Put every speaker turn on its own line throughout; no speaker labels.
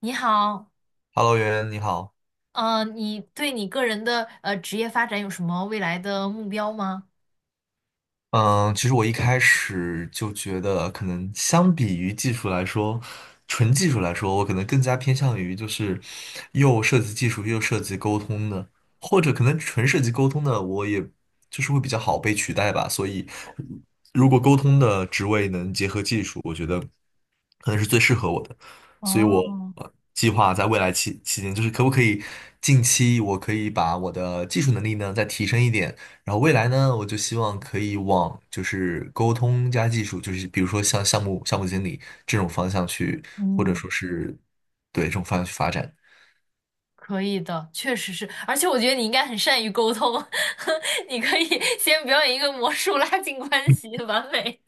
你好，
Hello，袁，你好。
嗯，你对你个人的职业发展有什么未来的目标吗？
嗯，其实我一开始就觉得，可能相比于技术来说，纯技术来说，我可能更加偏向于就是又涉及技术又涉及沟通的，或者可能纯涉及沟通的，我也就是会比较好被取代吧。所以，如果沟通的职位能结合技术，我觉得可能是最适合我的。所以我
哦，
计划在未来期间，就是可不可以近期我可以把我的技术能力呢再提升一点。然后未来呢，我就希望可以往就是沟通加技术，就是比如说像项目经理这种方向去，或者
嗯，
说是对这种方向去发展。
可以的，确实是，而且我觉得你应该很善于沟通，你可以 先表演一个魔术拉近关系，完美。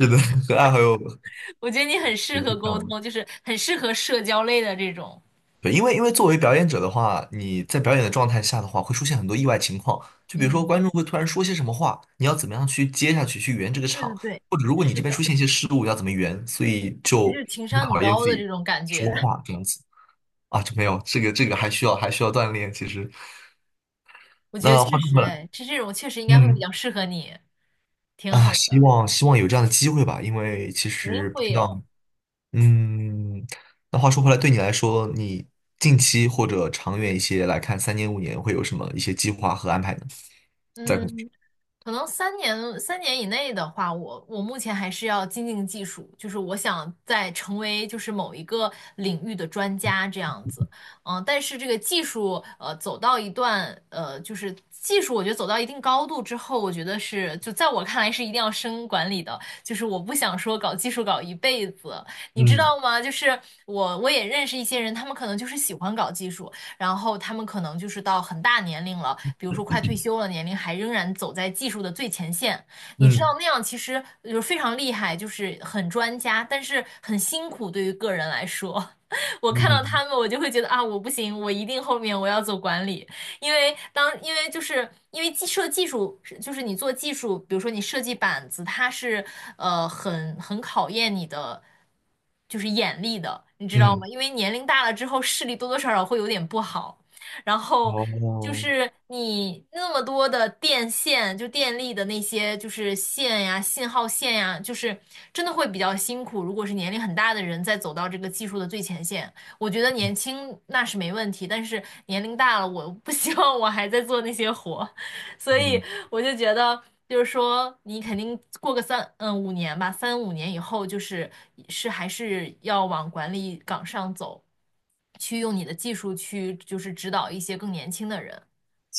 是的，和爱好有
我觉得你很适
有
合
挺
沟
像的。
通，就是很适合社交类的这种。
对，因为作为表演者的话，你在表演的状态下的话，会出现很多意外情况，就比如说
嗯，
观众会突然说些什么话，你要怎么样去接下去去圆这个
对
场，
对对，
或者如果你
是
这边出
的，
现一些失误，要怎么圆，所以
这
就
就是情
很
商很
考验
高
自
的这
己
种感觉。
说话这样子啊，就没有这个还需要锻炼，其实。
我觉得
那
确
话说
实，
回来，
哎，这种确实应该会比
嗯
较适合你，挺好
啊，希
的，
望希望有这样的机会吧，因为其
肯定
实不
会
知
有。
道，嗯，那话说回来，对你来说，你近期或者长远一些来看，三年五年会有什么一些计划和安排呢？在工作上，
嗯，可能三年以内的话，我目前还是要精进技术，就是我想在成为就是某一个领域的专家这样子，嗯，但是这个技术走到一段就是技术，我觉得走到一定高度之后，我觉得是就在我看来是一定要升管理的，就是我不想说搞技术搞一辈子，你知
嗯
道吗？就是我也认识一些人，他们可能就是喜欢搞技术，然后他们可能就是到很大年龄了，比如说快退休了年龄，还仍然走在技术的最前线。你知道
嗯
那样其实就是非常厉害，就是很专家，但是很辛苦对于个人来说。我看到
嗯
他们，我就会觉得啊，我不行，我一定后面我要走管理。因为当因为就是因为技术是就是你做技术，比如说你设计板子，它是很考验你的就是眼力的，你知道
嗯，
吗？因为年龄大了之后，视力多多少少会有点不好，然后，就
哦，
是你那么多的电线，就电力的那些，就是线呀、信号线呀，就是真的会比较辛苦。如果是年龄很大的人在走到这个技术的最前线，我觉得年轻那是没问题，但是年龄大了，我不希望我还在做那些活，所以
嗯，
我就觉得，就是说你肯定过个三五年吧，三五年以后，就是是还是要往管理岗上走，去用你的技术去就是指导一些更年轻的人。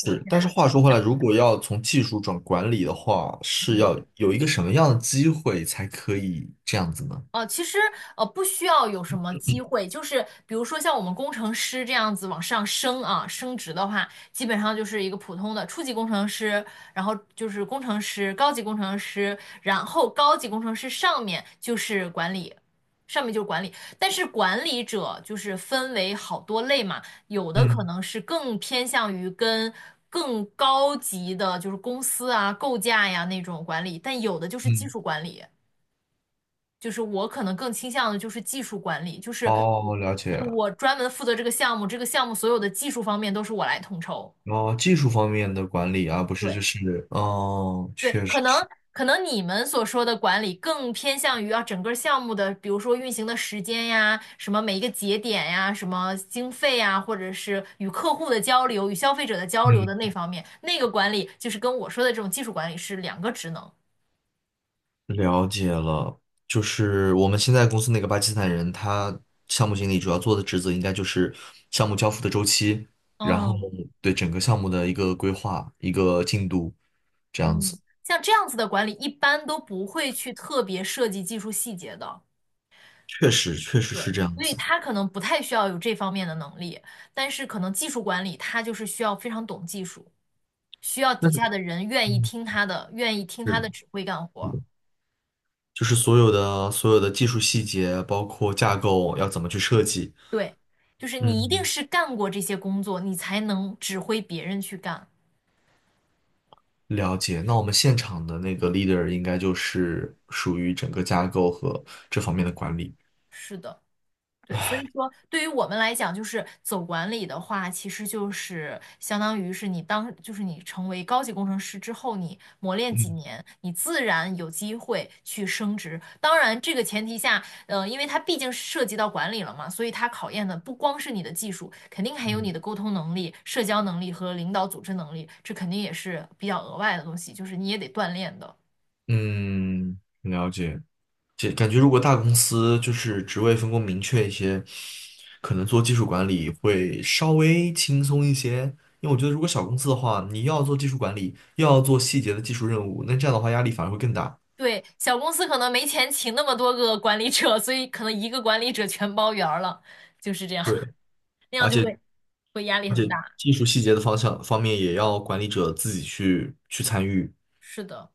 我现
但
在
是
就
话
这么
说回来，
想，
如果要从技术转管理的话，是
嗯。
要有一个什么样的机会才可以这样子呢？
哦，其实不需要有什么机会，就是比如说像我们工程师这样子往上升啊，升职的话，基本上就是一个普通的初级工程师，然后就是工程师、高级工程师，然后高级工程师上面就是管理，上面就是管理。但是管理者就是分为好多类嘛，有的可
嗯
能是更偏向于跟更高级的就是公司啊、构架呀那种管理，但有的就是技
嗯，
术管理。就是我可能更倾向的就是技术管理，就是我
哦，了
就
解。
是我专门负责这个项目，这个项目所有的技术方面都是我来统筹。
哦，技术方面的管理啊，不是就
对
是，哦，
对，
确
可
实
能
是，
可能你们所说的管理更偏向于啊整个项目的，比如说运行的时间呀，什么每一个节点呀，什么经费呀，或者是与客户的交流、与消费者的交流的那
嗯，
方面，那个管理就是跟我说的这种技术管理是两个职能。
了解了。就是我们现在公司那个巴基斯坦人，他项目经理主要做的职责应该就是项目交付的周期，然后
嗯
对整个项目的一个规划、一个进度，这样
嗯，
子。
像这样子的管理一般都不会去特别涉及技术细节的。
确实，确实
对，
是这样
所以
子。
他可能不太需要有这方面的能力，但是可能技术管理他就是需要非常懂技术，需要
那
底
是
下的人愿意
嗯
听他的，愿意听他
是
的指挥干活儿
是就是所有的技术细节，包括架构要怎么去设计，
对，就是你一定
嗯。
是干过这些工作，你才能指挥别人去干。
了解，那我们现场的那个 leader 应该就是属于整个架构和这方面的管理。
是的。对，所以说对于我们来讲，就是走管理的话，其实就是相当于是你当，就是你成为高级工程师之后，你磨练几
嗯
年，你自然有机会去升职。当然，这个前提下，因为它毕竟涉及到管理了嘛，所以它考验的不光是你的技术，肯定还有你
嗯
的沟通能力、社交能力和领导组织能力，这肯定也是比较额外的东西，就是你也得锻炼的。
嗯，了解。这感觉如果大公司就是职位分工明确一些，可能做技术管理会稍微轻松一些。因为我觉得如果小公司的话，你又要做技术管理，又要做细节的技术任务，那这样的话压力反而会更大。
对，小公司可能没钱请那么多个管理者，所以可能一个管理者全包圆儿了，就是这样，
对，
那样
而
就
且
会压力
而
很
且
大。
技术细节的方向方面也要管理者自己去参与。
是的。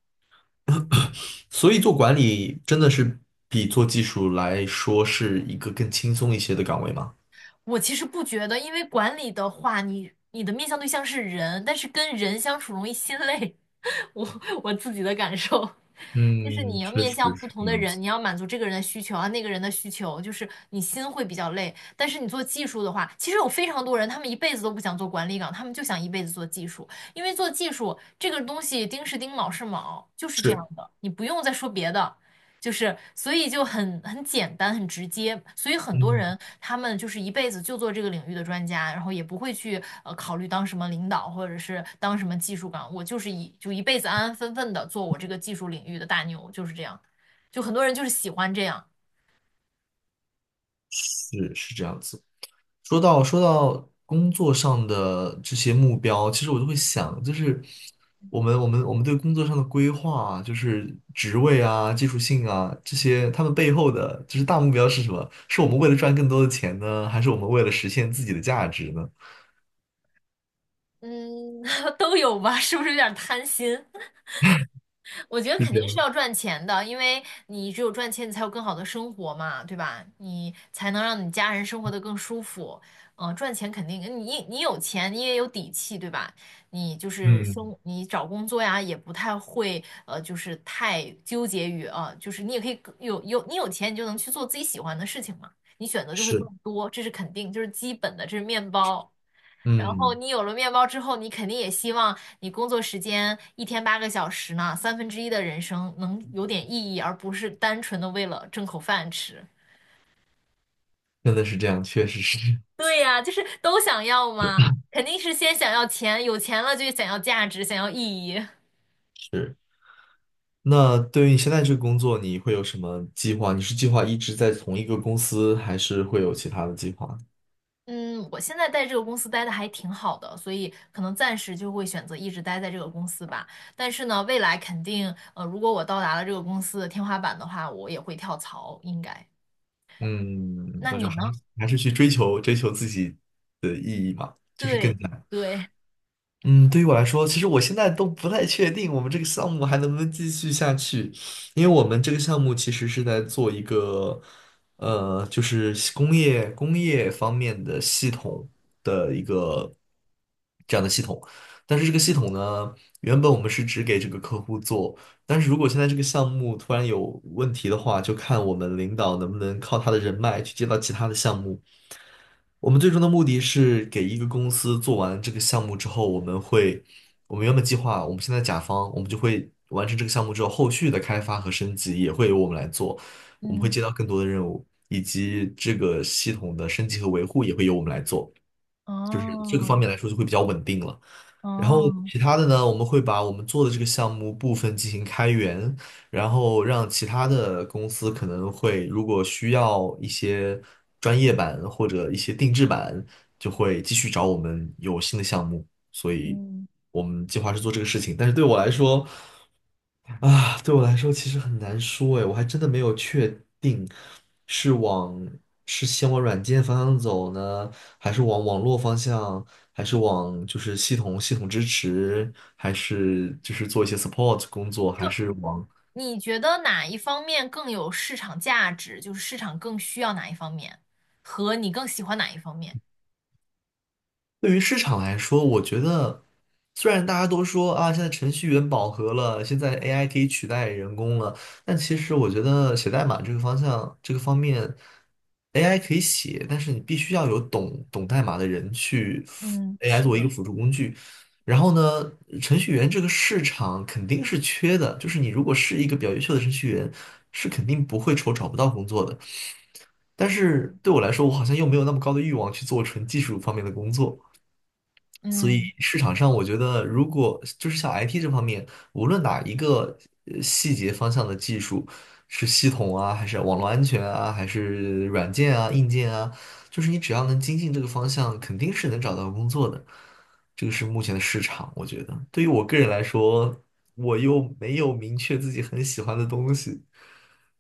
所以做管理真的是比做技术来说是一个更轻松一些的岗位吗？
我其实不觉得，因为管理的话，你的面向对象是人，但是跟人相处容易心累，我我自己的感受。就是
嗯，
你要
确
面向
实
不
是
同
这
的
样
人，
子。
你要满足这个人的需求啊，那个人的需求，就是你心会比较累。但是你做技术的话，其实有非常多人，他们一辈子都不想做管理岗，他们就想一辈子做技术，因为做技术这个东西丁是丁，卯是卯，就是这样
是，
的，你不用再说别的。就是，所以就很简单，很直接。所以很多
嗯，
人他们就是一辈子就做这个领域的专家，然后也不会去考虑当什么领导或者是当什么技术岗。我就是一辈子安安分分的做我这个技术领域的大牛，就是这样。就很多人就是喜欢这样，
是是这样子。说到工作上的这些目标，其实我就会想，就是我们对工作上的规划啊，就是职位啊、技术性啊这些，他们背后的就是大目标是什么？是我们为了赚更多的钱呢，还是我们为了实现自己的价值呢？
嗯，都有吧？是不是有点贪心？我觉得
是
肯
这
定是
样。
要赚钱的，因为你只有赚钱，你才有更好的生活嘛，对吧？你才能让你家人生活得更舒服。嗯，赚钱肯定，你有钱，你也有底气，对吧？你就是
嗯
生，你找工作呀，也不太会，就是太纠结于啊、就是你也可以更有你有钱，你就能去做自己喜欢的事情嘛，你选择就会更
是。
多，这是肯定，就是基本的，这是面包。然后
嗯。
你有了面包之后，你肯定也希望你工作时间一天八个小时呢，三分之一的人生能有点意义，而不是单纯的为了挣口饭吃。
真的是这样，确实是。
对呀，就是都想要嘛，肯定是先想要钱，有钱了就想要价值，想要意义。
是。那对于你现在这个工作，你会有什么计划？你是计划一直在同一个公司，还是会有其他的计划？
嗯，我现在在这个公司待的还挺好的，所以可能暂时就会选择一直待在这个公司吧。但是呢，未来肯定，如果我到达了这个公司的天花板的话，我也会跳槽，应该。
嗯，
那
那就
你
还
呢？
是还是去追求自己，就是
对
更难。
对。
嗯，对于我来说，其实我现在都不太确定我们这个项目还能不能继续下去，因为我们这个项目其实是在做一个，就是工业方面的系统。这样的系统。但是这个系统呢，原本我们是只给这个客户做，但是如果现在这个项目突然有问题的话，就看我们领导能不能靠他的人脉去接到其他的项目。我们最终的目的是给一个公司做完这个项目之后，我们会，我们原本计划，我们现在甲方，我们就会完成这个项目之后，后续的开发和升级也会由我们来做，我们会
嗯，
接到更多的任务，以及这个系统的升级和维护也会由我们来做。就是这个方
哦，
面来说就会比较稳定了。然后
哦，
其他的呢，我们会把我们做的这个项目部分进行开源，然后让其他的公司可能会如果需要一些专业版或者一些定制版，就会继续找我们有新的项目。所以
嗯，
我们计划是做这个事情，但是对我来说。啊，对我来说其实很难说哎，我还真的没有确定是往是先往软件方向走呢，还是往网络方向，还是往就是系统支持，还是就是做一些 support 工作，还
就
是往
你觉得哪一方面更有市场价值？就是市场更需要哪一方面，和你更喜欢哪一方面？
对于市场来说，我觉得虽然大家都说啊，现在程序员饱和了，现在 AI 可以取代人工了，但其实我觉得写代码这个方向，这个方面，AI 可以写，但是你必须要有懂代码的人去
嗯，
AI
是
作为一个
的，
辅助工具。然后呢，程序员这个市场肯定是缺的，就是你如果是一个比较优秀的程序员，是肯定不会愁找不到工作的。但是对我来说，我好像又没有那么高的欲望去做纯技术方面的工作。所以
嗯，
市场上，我觉得如果就是像 IT 这方面，无论哪一个细节方向的技术，是系统啊，还是网络安全啊，还是软件啊、硬件啊，就是你只要能精进这个方向，肯定是能找到工作的。这个是目前的市场，我觉得。对于我个人来说，我又没有明确自己很喜欢的东西，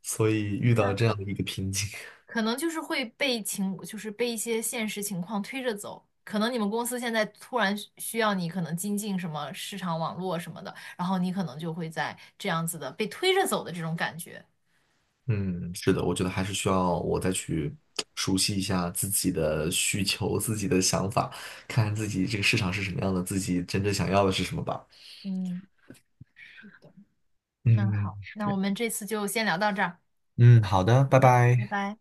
所以遇
那
到这样
可
的一个瓶颈。
可能就是会被情，就是被一些现实情况推着走。可能你们公司现在突然需要你，可能精进什么市场网络什么的，然后你可能就会在这样子的被推着走的这种感觉。
嗯，是的，我觉得还是需要我再去熟悉一下自己的需求、自己的想法，看看自己这个市场是什么样的，自己真正想要的是什么吧。
嗯，是的，那
嗯，
好，
是
那
这
我
样。
们这次就先聊到这儿。
嗯，好的，拜
的，拜
拜。
拜。